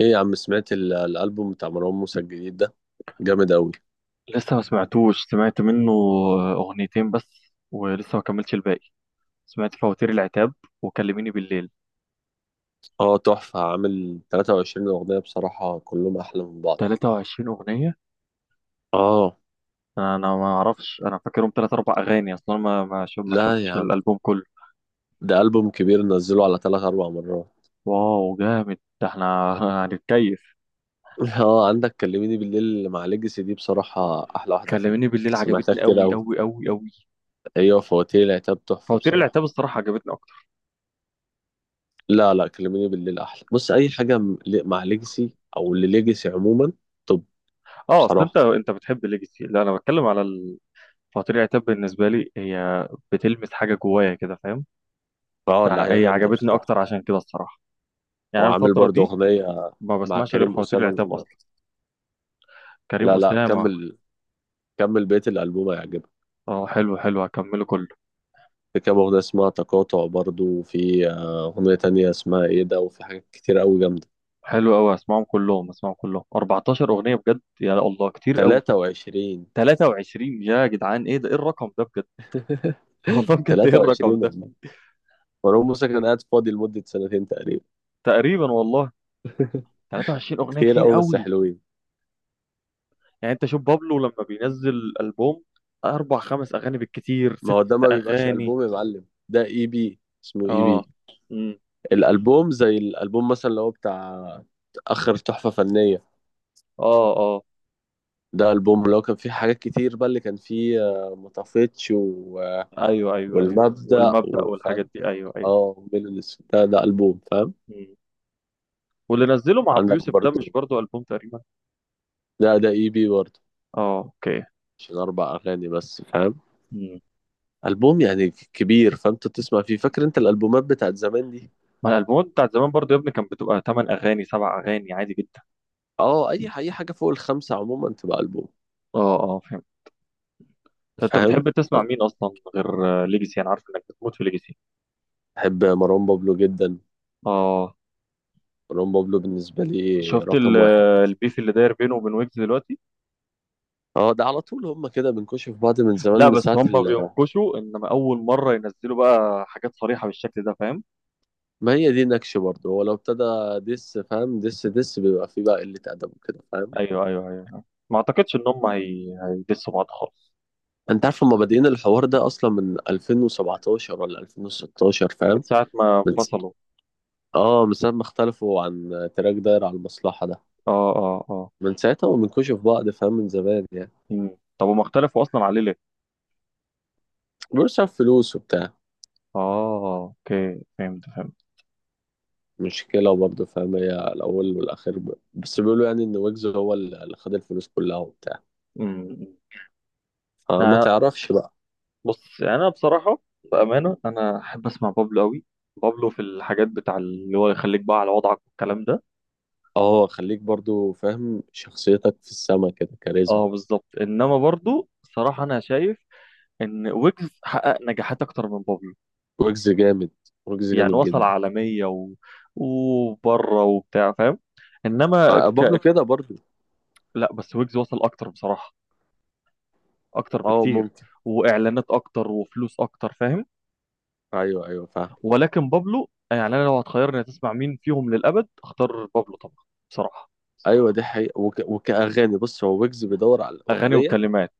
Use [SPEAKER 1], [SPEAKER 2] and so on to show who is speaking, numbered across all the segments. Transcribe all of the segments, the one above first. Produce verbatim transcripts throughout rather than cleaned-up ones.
[SPEAKER 1] ايه يا عم، سمعت ال- الالبوم بتاع مروان موسى الجديد ده، جامد اوي.
[SPEAKER 2] لسه ما سمعتوش، سمعت منه أغنيتين بس، ولسه ما كملتش الباقي. سمعت فواتير العتاب وكلميني بالليل.
[SPEAKER 1] اه تحفة، عامل تلاتة وعشرين اغنية بصراحة كلهم احلى من بعض.
[SPEAKER 2] تلاتة وعشرين أغنية؟
[SPEAKER 1] اه.
[SPEAKER 2] أنا ما أعرفش، أنا فاكرهم تلات أربع أغاني أصلا. ما ما شف- ما
[SPEAKER 1] لا
[SPEAKER 2] شفتش
[SPEAKER 1] يا عم،
[SPEAKER 2] الألبوم كله.
[SPEAKER 1] ده البوم كبير نزله على تلات اربع مرات.
[SPEAKER 2] واو جامد، ده إحنا هنتكيف.
[SPEAKER 1] اه، عندك كلميني بالليل مع ليجاسي دي بصراحة احلى واحدة فيهم.
[SPEAKER 2] كلميني بالليل
[SPEAKER 1] سمعتها
[SPEAKER 2] عجبتني
[SPEAKER 1] كتير
[SPEAKER 2] أوي
[SPEAKER 1] اوي.
[SPEAKER 2] أوي أوي أوي.
[SPEAKER 1] ايوه، فواتير العتاب تحفة
[SPEAKER 2] فواتير
[SPEAKER 1] بصراحة.
[SPEAKER 2] العتاب الصراحة عجبتني أكتر.
[SPEAKER 1] لا لا، كلميني بالليل احلى. بص اي حاجة م- ل- مع ليجاسي او لليجاسي عموما. طب،
[SPEAKER 2] أه، أصل أنت
[SPEAKER 1] بصراحة.
[SPEAKER 2] أنت بتحب ليجاسي، لا أنا بتكلم على ال- فواتير العتاب. بالنسبة لي هي بتلمس حاجة جوايا كده، فاهم؟
[SPEAKER 1] اه لا، هي
[SPEAKER 2] فهي
[SPEAKER 1] جامدة
[SPEAKER 2] عجبتني
[SPEAKER 1] بصراحة.
[SPEAKER 2] أكتر عشان كده الصراحة. يعني انا
[SPEAKER 1] وعامل
[SPEAKER 2] الفتره
[SPEAKER 1] برضه
[SPEAKER 2] دي
[SPEAKER 1] أغنية
[SPEAKER 2] ما
[SPEAKER 1] مع
[SPEAKER 2] بسمعش غير
[SPEAKER 1] كريم
[SPEAKER 2] فواتير
[SPEAKER 1] أسامة،
[SPEAKER 2] العتاب
[SPEAKER 1] جنة.
[SPEAKER 2] اصلا. كريم
[SPEAKER 1] لا لا
[SPEAKER 2] اسامه؟
[SPEAKER 1] كمل، كمل بيت الألبوم هيعجبك.
[SPEAKER 2] اه حلو حلو، هكمله كله.
[SPEAKER 1] في كام أغنية اسمها تقاطع برضه، وفي آه، أغنية تانية اسمها إيه ده، وفي حاجات كتير أوي جامدة.
[SPEAKER 2] حلو قوي، اسمعهم كلهم، اسمعهم كلهم. أربعتاشر اغنيه بجد، يا الله كتير قوي.
[SPEAKER 1] تلاتة وعشرين.
[SPEAKER 2] تلاتة وعشرين يا جدعان، ايه ده؟ ايه الرقم ده بجد؟ والله بجد، ايه
[SPEAKER 1] تلاتة وعشرين
[SPEAKER 2] الرقم ده؟
[SPEAKER 1] والله. مروان موسى كان قاعد فاضي لمدة سنتين تقريبا.
[SPEAKER 2] تقريبا والله. تلاتة وعشرين اغنيه
[SPEAKER 1] كتير
[SPEAKER 2] كتير
[SPEAKER 1] أوي بس
[SPEAKER 2] قوي.
[SPEAKER 1] حلوين.
[SPEAKER 2] يعني انت شوف بابلو لما بينزل البوم، اربع خمس اغاني بالكتير
[SPEAKER 1] ما
[SPEAKER 2] ست
[SPEAKER 1] هو ده ما بيبقاش
[SPEAKER 2] اغاني.
[SPEAKER 1] ألبوم يا معلم، ده إي بي. اسمه إي
[SPEAKER 2] اه.
[SPEAKER 1] بي.
[SPEAKER 2] امم
[SPEAKER 1] الألبوم زي الألبوم مثلا اللي هو بتاع آخر تحفة فنية.
[SPEAKER 2] اه اه.
[SPEAKER 1] ده ألبوم اللي هو كان فيه حاجات كتير بقى، اللي كان فيه آه، ما طفتش و... آه،
[SPEAKER 2] ايوه ايوه ايوه،
[SPEAKER 1] والمبدأ،
[SPEAKER 2] والمبدأ والحاجات
[SPEAKER 1] وفاهم.
[SPEAKER 2] دي، ايوه
[SPEAKER 1] اه من الاسم ده، ده ألبوم فاهم.
[SPEAKER 2] ايوه. واللي نزله مع ابو
[SPEAKER 1] عندك
[SPEAKER 2] يوسف ده مش
[SPEAKER 1] برضو،
[SPEAKER 2] برضو البوم تقريبا؟
[SPEAKER 1] ده ده اي بي برضو.
[SPEAKER 2] اه اوكي.
[SPEAKER 1] عشان أربع أغاني بس فاهم.
[SPEAKER 2] مم.
[SPEAKER 1] ألبوم يعني كبير، فأنت تسمع فيه. فاكر أنت الألبومات بتاعت زمان دي؟
[SPEAKER 2] ما الالبومات بتاعت زمان برضو يا ابني كانت بتبقى تمن اغاني سبع اغاني عادي جدا.
[SPEAKER 1] اه، أي أي حاجة فوق الخمسة عموما تبقى ألبوم.
[SPEAKER 2] اه اه فهمت. طب انت
[SPEAKER 1] فاهم.
[SPEAKER 2] بتحب تسمع
[SPEAKER 1] أنا
[SPEAKER 2] مين اصلا غير ليجاسي؟ انا عارف انك بتموت في ليجاسي.
[SPEAKER 1] بحب مروان بابلو جدا.
[SPEAKER 2] اه.
[SPEAKER 1] مروان بابلو بالنسبة لي
[SPEAKER 2] شفت ال-
[SPEAKER 1] رقم واحد.
[SPEAKER 2] البيف اللي داير بينه وبين ويجز دلوقتي؟
[SPEAKER 1] اه ده على طول، هما كده بنكشف بعض من زمان،
[SPEAKER 2] لا
[SPEAKER 1] من
[SPEAKER 2] بس
[SPEAKER 1] ساعة.
[SPEAKER 2] هم بينكشوا، انما اول مره ينزلوا بقى حاجات صريحه بالشكل ده، فاهم؟
[SPEAKER 1] ما هي دي نكش برضه، هو لو ابتدى دس فاهم، دس دس بيبقى فيه بقى قلة أدب وكده فاهم.
[SPEAKER 2] ايوه ايوه ايوه أيوه. ما اعتقدش ان هم هي... هيدسوا بعض خالص.
[SPEAKER 1] أنت عارف هما بادئين الحوار ده أصلا من ألفين وسبعتاشر ولا ألفين وستاشر
[SPEAKER 2] من
[SPEAKER 1] فاهم.
[SPEAKER 2] ساعه ما
[SPEAKER 1] من س...
[SPEAKER 2] انفصلوا.
[SPEAKER 1] آه من ساعة ما اختلفوا عن تراك داير على المصلحة ده.
[SPEAKER 2] اه اه اه.
[SPEAKER 1] من ساعتها ومن في بعض فاهم، من زمان يعني.
[SPEAKER 2] مم. طب هم اختلفوا اصلا عليه ليه؟
[SPEAKER 1] بيقولوا عشان فلوس وبتاع.
[SPEAKER 2] اه اوكي، فهمت فهمت.
[SPEAKER 1] مشكلة برضه فاهم، هي الأول والأخير ب... بس بيقولوا يعني إن ويجز هو اللي خد الفلوس كلها وبتاع.
[SPEAKER 2] امم
[SPEAKER 1] فما
[SPEAKER 2] أنا،
[SPEAKER 1] تعرفش بقى.
[SPEAKER 2] بص يعني انا بصراحه، بامانه انا احب اسمع بابلو قوي. بابلو في الحاجات بتاع اللي هو يخليك بقى على وضعك والكلام ده.
[SPEAKER 1] اه خليك برضو فاهم، شخصيتك في السما كده كاريزما.
[SPEAKER 2] اه بالظبط. انما برضو صراحه انا شايف ان ويجز حقق نجاحات اكتر من بابلو.
[SPEAKER 1] ويجز جامد، ويجز
[SPEAKER 2] يعني
[SPEAKER 1] جامد
[SPEAKER 2] وصل
[SPEAKER 1] جدا.
[SPEAKER 2] عالميه و... وبره وبتاع، فاهم؟ انما
[SPEAKER 1] آه، بابلو
[SPEAKER 2] ك...
[SPEAKER 1] كده برضو.
[SPEAKER 2] لا بس ويجز وصل اكتر بصراحه، اكتر
[SPEAKER 1] اه
[SPEAKER 2] بكتير.
[SPEAKER 1] ممكن.
[SPEAKER 2] واعلانات اكتر وفلوس اكتر، فاهم؟
[SPEAKER 1] ايوه ايوه فاهم.
[SPEAKER 2] ولكن بابلو، يعني انا لو هتخيرني تسمع مين فيهم للابد اختار بابلو طبعا بصراحه.
[SPEAKER 1] ايوه دي حقيقة، وك... وكأغاني بص، هو ويجز بيدور على
[SPEAKER 2] اغاني
[SPEAKER 1] الأغنية.
[SPEAKER 2] وكلمات.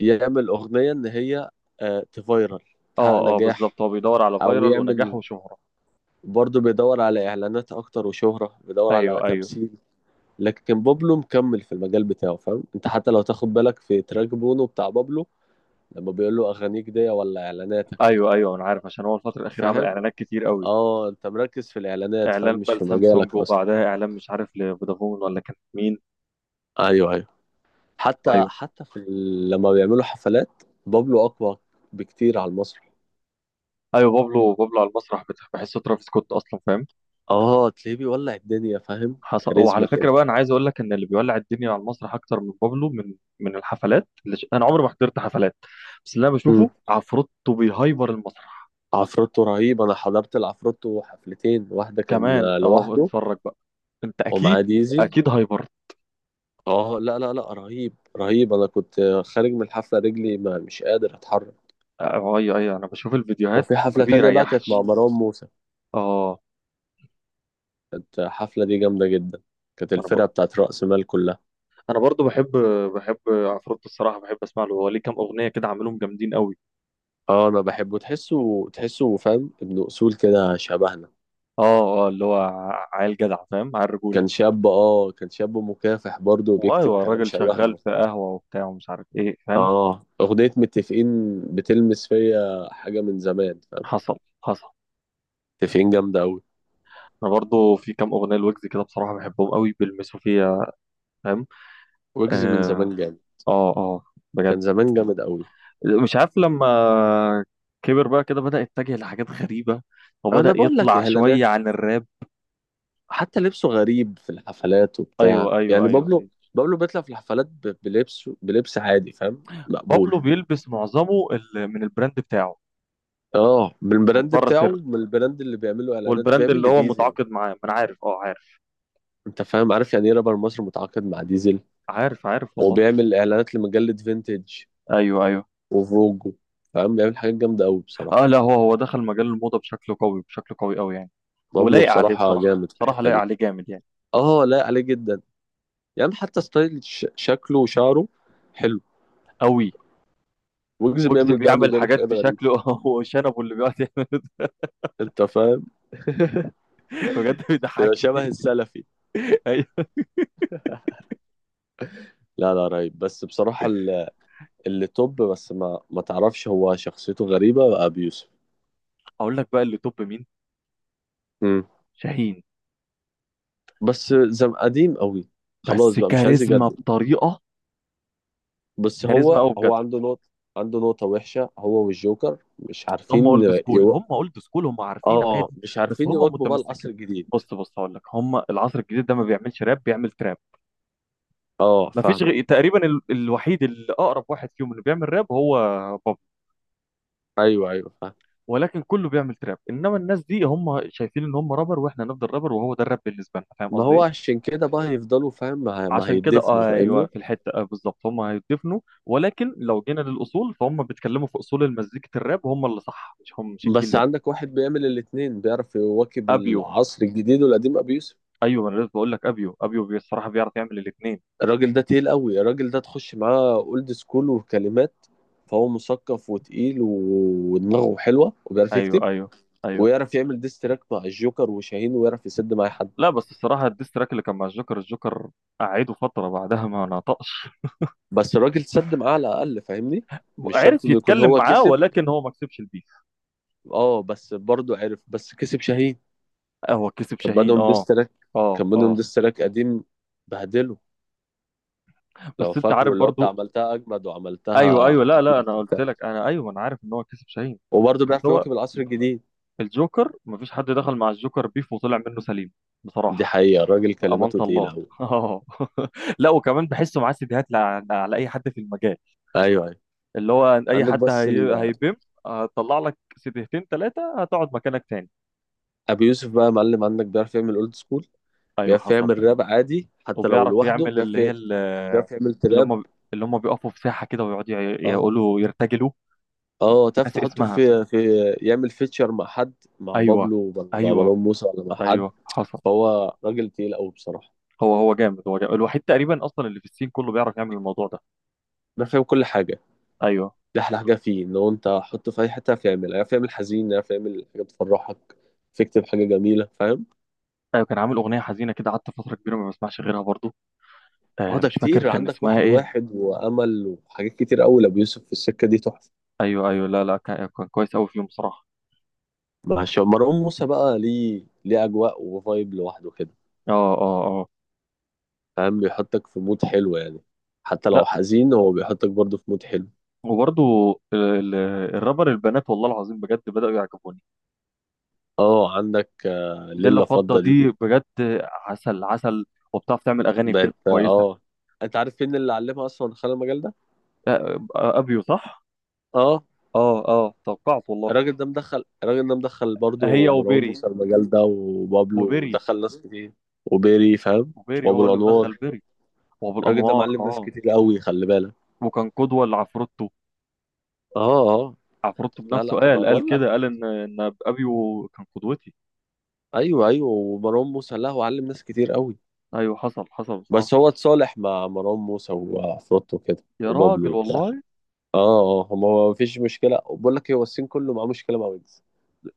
[SPEAKER 1] يعمل أغنية إن هي آه تفايرل، تحقق
[SPEAKER 2] اه اه
[SPEAKER 1] نجاح.
[SPEAKER 2] بالظبط، هو بيدور على
[SPEAKER 1] أو
[SPEAKER 2] فايرال ونجاح
[SPEAKER 1] يعمل
[SPEAKER 2] وشهره.
[SPEAKER 1] برضه، بيدور على إعلانات أكتر وشهرة، بيدور على
[SPEAKER 2] ايوه ايوه
[SPEAKER 1] تمثيل. لكن بابلو مكمل في المجال بتاعه فاهم. أنت حتى لو تاخد بالك في تراك بونو بتاع بابلو، لما بيقول له أغانيك دي ولا إعلاناتك.
[SPEAKER 2] ايوه ايوه، انا عارف عشان هو الفتره الاخيره عمل
[SPEAKER 1] فاهم.
[SPEAKER 2] اعلانات كتير قوي.
[SPEAKER 1] اه انت مركز في الاعلانات فاهم،
[SPEAKER 2] اعلان
[SPEAKER 1] مش
[SPEAKER 2] بقى
[SPEAKER 1] في
[SPEAKER 2] لسامسونج،
[SPEAKER 1] مجالك اصلا.
[SPEAKER 2] وبعدها اعلان مش عارف لفودافون ولا كان مين.
[SPEAKER 1] ايوه ايوه. حتى
[SPEAKER 2] ايوه
[SPEAKER 1] حتى في ال... لما بيعملوا حفلات، بابلو اقوى بكتير على المسرح.
[SPEAKER 2] ايوه. بابلو، بابلو على المسرح، بت- بحسه ترافيس سكوت اصلا، فاهم؟
[SPEAKER 1] اه تلاقيه بيولع الدنيا فاهم،
[SPEAKER 2] حصل. وعلى
[SPEAKER 1] كاريزما
[SPEAKER 2] فكره
[SPEAKER 1] كده.
[SPEAKER 2] بقى انا عايز اقول لك ان اللي بيولع الدنيا على المسرح اكتر من بابلو، من من الحفلات اللي ش... انا عمري ما حضرت حفلات، بس اللي انا
[SPEAKER 1] مم.
[SPEAKER 2] بشوفه عفروتو بيهايبر المسرح.
[SPEAKER 1] عفروتو رهيب، انا حضرت العفروتو حفلتين، واحده كان
[SPEAKER 2] كمان اهو،
[SPEAKER 1] لوحده
[SPEAKER 2] اتفرج بقى. انت
[SPEAKER 1] ومعاه
[SPEAKER 2] اكيد،
[SPEAKER 1] ديزي.
[SPEAKER 2] اكيد هايبر.
[SPEAKER 1] اه لا لا لا رهيب رهيب، انا كنت خارج من الحفله رجلي ما مش قادر اتحرك.
[SPEAKER 2] اه ايوه ايوه انا بشوف الفيديوهات.
[SPEAKER 1] وفي
[SPEAKER 2] ما
[SPEAKER 1] حفله تانية بقى كانت مع
[SPEAKER 2] بيريحش.
[SPEAKER 1] مروان موسى،
[SPEAKER 2] اه.
[SPEAKER 1] كانت الحفله دي جامده جدا، كانت
[SPEAKER 2] انا ب...
[SPEAKER 1] الفرقه بتاعت رأس مال كلها.
[SPEAKER 2] انا برضو بحب، بحب عفروتو الصراحه، بحب اسمع له. هو ليه كام اغنيه كده عاملهم جامدين قوي.
[SPEAKER 1] اه انا بحبه، تحسه تحسه فاهم ابن اصول كده شبهنا.
[SPEAKER 2] اه اه، اللي هو ع- عيل جدع، فاهم؟ عيل رجوله.
[SPEAKER 1] كان شاب، اه كان شاب مكافح برضه، وبيكتب
[SPEAKER 2] وايوه
[SPEAKER 1] كلام
[SPEAKER 2] الراجل
[SPEAKER 1] شبهنا
[SPEAKER 2] شغال في
[SPEAKER 1] وبتاع.
[SPEAKER 2] قهوه وبتاع ومش عارف ايه، فاهم؟
[SPEAKER 1] اه اغنية متفقين بتلمس فيا حاجة من زمان فاهم.
[SPEAKER 2] حصل حصل.
[SPEAKER 1] متفقين جامدة أوي.
[SPEAKER 2] انا برضو في كام اغنيه لويجز كده بصراحه بحبهم قوي، بيلمسوا فيا، فاهم؟
[SPEAKER 1] ويجز من
[SPEAKER 2] اه
[SPEAKER 1] زمان جامد،
[SPEAKER 2] اه آه، بجد.
[SPEAKER 1] كان زمان جامد أوي.
[SPEAKER 2] مش عارف لما كبر بقى كده بدأ يتجه لحاجات غريبه، وبدأ
[SPEAKER 1] انا بقول لك
[SPEAKER 2] يطلع
[SPEAKER 1] اعلانات،
[SPEAKER 2] شويه عن الراب.
[SPEAKER 1] حتى لبسه غريب في الحفلات وبتاع
[SPEAKER 2] ايوه ايوه
[SPEAKER 1] يعني.
[SPEAKER 2] ايوه ايوه.
[SPEAKER 1] بابلو، بابلو بيطلع في الحفلات ب- بلبسه، بلبس عادي فاهم مقبول.
[SPEAKER 2] بابلو بيلبس معظمه ال- من البراند بتاعه،
[SPEAKER 1] اه من
[SPEAKER 2] من
[SPEAKER 1] البراند
[SPEAKER 2] بره سر.
[SPEAKER 1] بتاعه، من البراند اللي بيعمله اعلانات،
[SPEAKER 2] والبراند
[SPEAKER 1] بيعمل
[SPEAKER 2] اللي هو
[SPEAKER 1] لديزل.
[SPEAKER 2] متعاقد معاه، ما انا عارف، اه عارف
[SPEAKER 1] انت فاهم، عارف يعني ايه رابر مصر متعاقد مع ديزل،
[SPEAKER 2] عارف عارف والله.
[SPEAKER 1] وبيعمل اعلانات لمجلة فينتج
[SPEAKER 2] ايوه ايوه.
[SPEAKER 1] وفوجو. فاهم، بيعمل حاجات جامدة أوي بصراحة.
[SPEAKER 2] اه لا، هو هو دخل مجال الموضه بشكل قوي، بشكل قوي قوي يعني.
[SPEAKER 1] بابلو
[SPEAKER 2] ولايق عليه
[SPEAKER 1] بصراحة
[SPEAKER 2] بصراحه،
[SPEAKER 1] جامد في
[SPEAKER 2] بصراحه
[SPEAKER 1] الحتة
[SPEAKER 2] لايق
[SPEAKER 1] دي.
[SPEAKER 2] عليه جامد يعني،
[SPEAKER 1] اه لا عليه جدا. يعني حتى ستايل ش- شكله وشعره، حلو.
[SPEAKER 2] قوي.
[SPEAKER 1] ويجز
[SPEAKER 2] ويجز
[SPEAKER 1] بيعمل ده، انه
[SPEAKER 2] بيعمل
[SPEAKER 1] بيعمل
[SPEAKER 2] حاجات
[SPEAKER 1] حاجات
[SPEAKER 2] في
[SPEAKER 1] غريبة.
[SPEAKER 2] شكله هو شنبه اللي بيقعد يعمل ده.
[SPEAKER 1] انت فاهم.
[SPEAKER 2] بجد
[SPEAKER 1] بيبقى شبه
[SPEAKER 2] بيضحكني.
[SPEAKER 1] السلفي.
[SPEAKER 2] ايوه.
[SPEAKER 1] لا لا رهيب. بس بصراحة ال- اللي توب بس ما ما تعرفش هو شخصيته غريبة بقى، أبي يوسف.
[SPEAKER 2] اقول لك بقى اللي توب مين؟
[SPEAKER 1] مم.
[SPEAKER 2] شاهين.
[SPEAKER 1] بس زم قديم قوي،
[SPEAKER 2] بس
[SPEAKER 1] خلاص بقى مش عايز
[SPEAKER 2] كاريزما
[SPEAKER 1] يجدد.
[SPEAKER 2] بطريقه،
[SPEAKER 1] بس
[SPEAKER 2] كاريزما
[SPEAKER 1] هو
[SPEAKER 2] قوي بجد.
[SPEAKER 1] هو عنده نقطة، عنده نقطة وحشة هو والجوكر، مش
[SPEAKER 2] هم
[SPEAKER 1] عارفين.
[SPEAKER 2] اولد سكول، هم اولد سكول، هم عارفين
[SPEAKER 1] اه
[SPEAKER 2] عادي.
[SPEAKER 1] مش
[SPEAKER 2] بس
[SPEAKER 1] عارفين
[SPEAKER 2] هم
[SPEAKER 1] يواكبوا بقى
[SPEAKER 2] متمسكين.
[SPEAKER 1] العصر الجديد.
[SPEAKER 2] بص بص هقول لك، هم العصر الجديد ده ما بيعملش راب، بيعمل تراب.
[SPEAKER 1] اه
[SPEAKER 2] ما فيش
[SPEAKER 1] فاهم.
[SPEAKER 2] غ... تقريبا ال... الوحيد اللي اقرب واحد فيهم اللي بيعمل راب هو بابلو.
[SPEAKER 1] ايوه ايوه فاهم.
[SPEAKER 2] ولكن كله بيعمل تراب، انما الناس دي هم شايفين ان هم رابر، واحنا نفضل رابر وهو ده الراب بالنسبه لنا، فاهم
[SPEAKER 1] ما
[SPEAKER 2] قصدي
[SPEAKER 1] هو
[SPEAKER 2] إيه؟
[SPEAKER 1] عشان كده بقى هيفضلوا فاهم. ما، هي- ما
[SPEAKER 2] عشان كده
[SPEAKER 1] هيدفنوا
[SPEAKER 2] آه، ايوه،
[SPEAKER 1] فاهمني.
[SPEAKER 2] في الحته آه بالظبط هم هيدفنوا. ولكن لو جينا للاصول، فهم بيتكلموا في اصول المزيكا، الراب هم اللي صح، مش هم، مش الجيل
[SPEAKER 1] بس
[SPEAKER 2] ده.
[SPEAKER 1] عندك واحد بيعمل الاتنين، بيعرف يواكب
[SPEAKER 2] ابيو.
[SPEAKER 1] العصر الجديد والقديم، ابي يوسف.
[SPEAKER 2] ايوه انا لسه بقول لك، ابيو، ابيو بي- الصراحه بيعرف يعمل الاثنين.
[SPEAKER 1] الراجل ده تقيل قوي، الراجل ده تخش معاه اولد سكول وكلمات. فهو مثقف وتقيل و- ودماغه حلوه وبيعرف
[SPEAKER 2] ايوه
[SPEAKER 1] يكتب.
[SPEAKER 2] ايوه ايوه.
[SPEAKER 1] ويعرف يعمل ديستراك مع الجوكر وشاهين، ويعرف يسد مع أي حد.
[SPEAKER 2] لا بس الصراحه الديستراك اللي كان مع الجوكر، الجوكر قعده فتره بعدها ما نطقش.
[SPEAKER 1] بس الراجل سد معاه على الاقل فاهمني، مش شرط
[SPEAKER 2] عرف
[SPEAKER 1] انه يكون
[SPEAKER 2] يتكلم
[SPEAKER 1] هو
[SPEAKER 2] معاه،
[SPEAKER 1] كسب.
[SPEAKER 2] ولكن هو ما كسبش البيف.
[SPEAKER 1] اه بس برضه عرف، بس كسب شاهين.
[SPEAKER 2] آه، هو كسب
[SPEAKER 1] كان
[SPEAKER 2] شاهين،
[SPEAKER 1] بينهم
[SPEAKER 2] اه
[SPEAKER 1] ديستراك،
[SPEAKER 2] اه
[SPEAKER 1] كان بينهم
[SPEAKER 2] اه.
[SPEAKER 1] ديستراك قديم، بهدله، لو
[SPEAKER 2] بس انت
[SPEAKER 1] فاكره
[SPEAKER 2] عارف
[SPEAKER 1] اللي هو بتاع
[SPEAKER 2] برضو.
[SPEAKER 1] عملتها اجمد
[SPEAKER 2] ايوه
[SPEAKER 1] وعملتها
[SPEAKER 2] ايوه لا لا،
[SPEAKER 1] قبلك
[SPEAKER 2] انا قلت
[SPEAKER 1] وبتاع.
[SPEAKER 2] لك، انا ايوه انا عارف ان هو كسب شاهين.
[SPEAKER 1] وبرضه
[SPEAKER 2] بس
[SPEAKER 1] بيعرف
[SPEAKER 2] هو،
[SPEAKER 1] يواكب العصر الجديد.
[SPEAKER 2] الجوكر مفيش حد دخل مع الجوكر بيف وطلع منه سليم
[SPEAKER 1] دي
[SPEAKER 2] بصراحة.
[SPEAKER 1] حقيقة، الراجل
[SPEAKER 2] بأمانة
[SPEAKER 1] كلماته تقيلة
[SPEAKER 2] الله.
[SPEAKER 1] أوي.
[SPEAKER 2] اه. لا وكمان بحسه معاه سيديهات لع- على اي حد في المجال،
[SPEAKER 1] أيوه أيوه.
[SPEAKER 2] اللي هو اي
[SPEAKER 1] عندك
[SPEAKER 2] حد
[SPEAKER 1] بس
[SPEAKER 2] هي...
[SPEAKER 1] ال...
[SPEAKER 2] هيبم، هتطلع لك سيديهتين ثلاثة هتقعد مكانك تاني.
[SPEAKER 1] أبي يوسف بقى يا معلم، عندك بيعرف يعمل أولد سكول،
[SPEAKER 2] ايوه
[SPEAKER 1] بيعرف
[SPEAKER 2] حصل.
[SPEAKER 1] يعمل راب عادي حتى لو
[SPEAKER 2] وبيعرف
[SPEAKER 1] لوحده،
[SPEAKER 2] يعمل
[SPEAKER 1] بيعرف
[SPEAKER 2] اللي هي
[SPEAKER 1] ي-
[SPEAKER 2] ال-
[SPEAKER 1] بيعرف يعمل
[SPEAKER 2] اللي
[SPEAKER 1] تراب.
[SPEAKER 2] هم، اللي هم بيقفوا في ساحة كده ويقعدوا ي-
[SPEAKER 1] اه
[SPEAKER 2] يقولوا يرتجلوا.
[SPEAKER 1] اه تعرف
[SPEAKER 2] ناسي
[SPEAKER 1] تحطه
[SPEAKER 2] اسمها.
[SPEAKER 1] في في يعمل فيتشر مع حد، مع
[SPEAKER 2] ايوه
[SPEAKER 1] بابلو ولا مع
[SPEAKER 2] ايوه
[SPEAKER 1] مروان موسى ولا مع حد.
[SPEAKER 2] ايوه حصل.
[SPEAKER 1] فهو راجل تقيل قوي بصراحة.
[SPEAKER 2] هو هو جامد، هو جامد الوحيد تقريبا اصلا اللي في السين كله بيعرف يعمل الموضوع ده.
[SPEAKER 1] أنا فاهم كل حاجة.
[SPEAKER 2] ايوه
[SPEAKER 1] دي أحلى حاجة فيه، إن هو أنت حطه في أي حتة هيعرف يعمل، هيعرف يعمل حزين، هيعرف يعمل حاجة تفرحك، تكتب حاجة جميلة فاهم.
[SPEAKER 2] ايوه. كان عامل اغنيه حزينه كده، قعدت فتره كبيره ما بسمعش غيرها برضو.
[SPEAKER 1] اه
[SPEAKER 2] آه
[SPEAKER 1] ده
[SPEAKER 2] مش فاكر
[SPEAKER 1] كتير،
[SPEAKER 2] كان
[SPEAKER 1] عندك
[SPEAKER 2] اسمها
[SPEAKER 1] واحد
[SPEAKER 2] ايه.
[SPEAKER 1] واحد وأمل وحاجات كتير قوي لأبو يوسف في السكة دي تحفة.
[SPEAKER 2] ايوه ايوه، لا لا كان كان كويس قوي فيهم بصراحه.
[SPEAKER 1] مع ش- مروان موسى بقى ليه، ليه أجواء وفايب لوحده كده.
[SPEAKER 2] اه اه اه.
[SPEAKER 1] فاهم، بيحطك في مود حلو يعني. حتى لو
[SPEAKER 2] لا،
[SPEAKER 1] حزين هو بيحطك برضه في مود حلو.
[SPEAKER 2] وبرضو ال- ال- الرابر البنات، والله العظيم بجد بداوا يعجبوني.
[SPEAKER 1] اه عندك آه،
[SPEAKER 2] ليلة
[SPEAKER 1] ليلة
[SPEAKER 2] فضه
[SPEAKER 1] فضة دي.
[SPEAKER 2] دي بجد عسل عسل، وبتعرف تعمل اغاني بجد
[SPEAKER 1] بقت
[SPEAKER 2] كويسه.
[SPEAKER 1] اه. انت عارف مين اللي علمها اصلا دخل المجال ده؟
[SPEAKER 2] آه آه، ابيو، صح.
[SPEAKER 1] اه.
[SPEAKER 2] اه اه توقعت والله.
[SPEAKER 1] الراجل ده مدخل، الراجل ده مدخل
[SPEAKER 2] هي
[SPEAKER 1] برضه مروان
[SPEAKER 2] وبيري،
[SPEAKER 1] موسى المجال ده، وبابلو،
[SPEAKER 2] وبيري،
[SPEAKER 1] ودخل ناس كتير، وبيري فاهم،
[SPEAKER 2] وبيري
[SPEAKER 1] وابو
[SPEAKER 2] هو اللي مدخل
[SPEAKER 1] الانوار.
[SPEAKER 2] بيري. وابو
[SPEAKER 1] الراجل ده
[SPEAKER 2] الانوار،
[SPEAKER 1] معلم ناس
[SPEAKER 2] اه.
[SPEAKER 1] كتير قوي، خلي بالك.
[SPEAKER 2] وكان قدوه لعفروتو،
[SPEAKER 1] اه اه.
[SPEAKER 2] عفروتو
[SPEAKER 1] لا
[SPEAKER 2] بنفسه
[SPEAKER 1] لا ما
[SPEAKER 2] قال، قال
[SPEAKER 1] بقول لك،
[SPEAKER 2] كده، قال ان ان ابيو كان قدوتي.
[SPEAKER 1] ايوه ايوه، ومروان موسى لا هو علم ناس كتير قوي.
[SPEAKER 2] ايوه حصل حصل بصراحه.
[SPEAKER 1] بس هو اتصالح مع مروان موسى وعفروتو كده
[SPEAKER 2] يا
[SPEAKER 1] وبابلو
[SPEAKER 2] راجل
[SPEAKER 1] وبتاع.
[SPEAKER 2] والله.
[SPEAKER 1] اه اه. هو ما فيش مشكله، وبقول لك إيه، هو الصين كله معاه مشكله مع ويجز.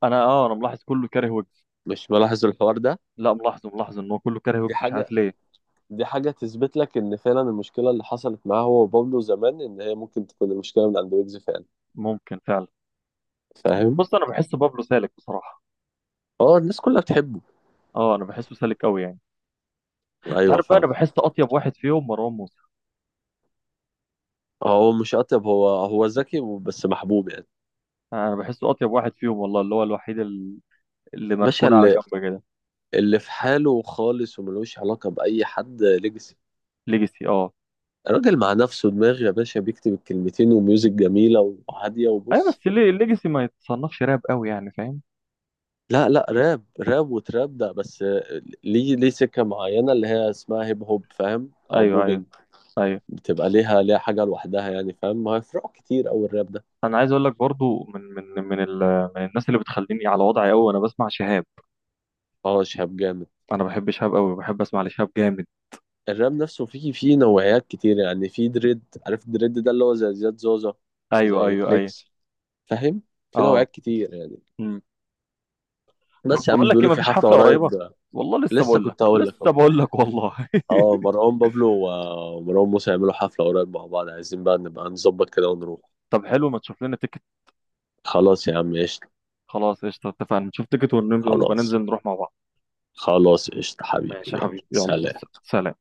[SPEAKER 2] انا اه انا ملاحظ كله كاره ويجز.
[SPEAKER 1] مش ملاحظ الحوار ده.
[SPEAKER 2] لا ملاحظه ملاحظه، ان هو كله كاره
[SPEAKER 1] دي
[SPEAKER 2] ويجز مش
[SPEAKER 1] حاجه،
[SPEAKER 2] عارف ليه.
[SPEAKER 1] دي حاجة تثبت لك إن فعلا المشكلة اللي حصلت معاه هو وبابلو زمان، إن هي ممكن تكون المشكلة من عند ويجز فعلا.
[SPEAKER 2] ممكن فعلا.
[SPEAKER 1] فاهم؟
[SPEAKER 2] بص انا بحس بابلو سالك بصراحه.
[SPEAKER 1] اه الناس كلها بتحبه.
[SPEAKER 2] اه انا بحسه سالك قوي يعني. انت
[SPEAKER 1] أيوه
[SPEAKER 2] عارف بقى، انا
[SPEAKER 1] فاهم.
[SPEAKER 2] بحس اطيب واحد فيهم مروان موسى.
[SPEAKER 1] هو مش أطيب، هو هو ذكي بس محبوب يعني.
[SPEAKER 2] آه، انا بحسه اطيب واحد فيهم والله، اللي هو الوحيد ال- اللي
[SPEAKER 1] باشا،
[SPEAKER 2] مركون على
[SPEAKER 1] اللي
[SPEAKER 2] جنب كده.
[SPEAKER 1] اللي في حاله خالص وملوش علاقة بأي حد، ليجاسي.
[SPEAKER 2] ليجاسي، اه
[SPEAKER 1] الراجل مع نفسه دماغ يا باشا، بيكتب الكلمتين وميوزك جميلة وهادية،
[SPEAKER 2] ايوه.
[SPEAKER 1] وبص.
[SPEAKER 2] بس ليه الليجاسي ما يتصنفش راب قوي يعني، فاهم؟
[SPEAKER 1] لا لا راب، راب وتراب ده بس. ليه، ليه سكة معينة اللي هي اسمها هيب هوب فاهم، أو
[SPEAKER 2] ايوه ايوه
[SPEAKER 1] بوبينج،
[SPEAKER 2] ايوه.
[SPEAKER 1] بتبقى ليها، ليها حاجة لوحدها يعني فاهم. ما هي فروع كتير أوي الراب ده.
[SPEAKER 2] انا عايز اقول لك برضو، من من من ال- من الناس اللي بتخليني على وضعي قوي، وانا بسمع شهاب.
[SPEAKER 1] اه شهاب جامد.
[SPEAKER 2] انا بحب شهاب قوي، بحب اسمع لشهاب، جامد.
[SPEAKER 1] الراب نفسه فيه فيه نوعيات كتير يعني، فيه دريد، عارف الدريد ده اللي هو زي زياد زوزة،
[SPEAKER 2] ايوه
[SPEAKER 1] زي
[SPEAKER 2] ايوه ايوه.
[SPEAKER 1] فليكس، فاهم. في
[SPEAKER 2] اه.
[SPEAKER 1] نوعيات كتير يعني.
[SPEAKER 2] مم.
[SPEAKER 1] بس
[SPEAKER 2] طب
[SPEAKER 1] يا
[SPEAKER 2] بقول
[SPEAKER 1] عم،
[SPEAKER 2] لك ايه،
[SPEAKER 1] بيقولوا في
[SPEAKER 2] مفيش
[SPEAKER 1] حفلة
[SPEAKER 2] حفله
[SPEAKER 1] قريب.
[SPEAKER 2] قريبه؟ والله لسه
[SPEAKER 1] لسه
[SPEAKER 2] بقول لك،
[SPEAKER 1] كنت هقول لك
[SPEAKER 2] لسه
[SPEAKER 1] اهو.
[SPEAKER 2] بقول لك والله.
[SPEAKER 1] اه مروان بابلو و- ومروان موسى يعملوا حفلة قريب مع بعض، عايزين بقى نبقى نظبط كده ونروح.
[SPEAKER 2] طب حلو، ما تشوف لنا تيكت.
[SPEAKER 1] خلاص يا عم، قشطة.
[SPEAKER 2] خلاص قشطه، اتفقنا، نشوف تيكت ونبقى، ونبقى
[SPEAKER 1] خلاص.
[SPEAKER 2] ننزل نروح مع بعض.
[SPEAKER 1] خلاص، قشطة حبيبي،
[SPEAKER 2] ماشي يا
[SPEAKER 1] يلا
[SPEAKER 2] حبيبي، يلا
[SPEAKER 1] سلام.
[SPEAKER 2] س- سلام.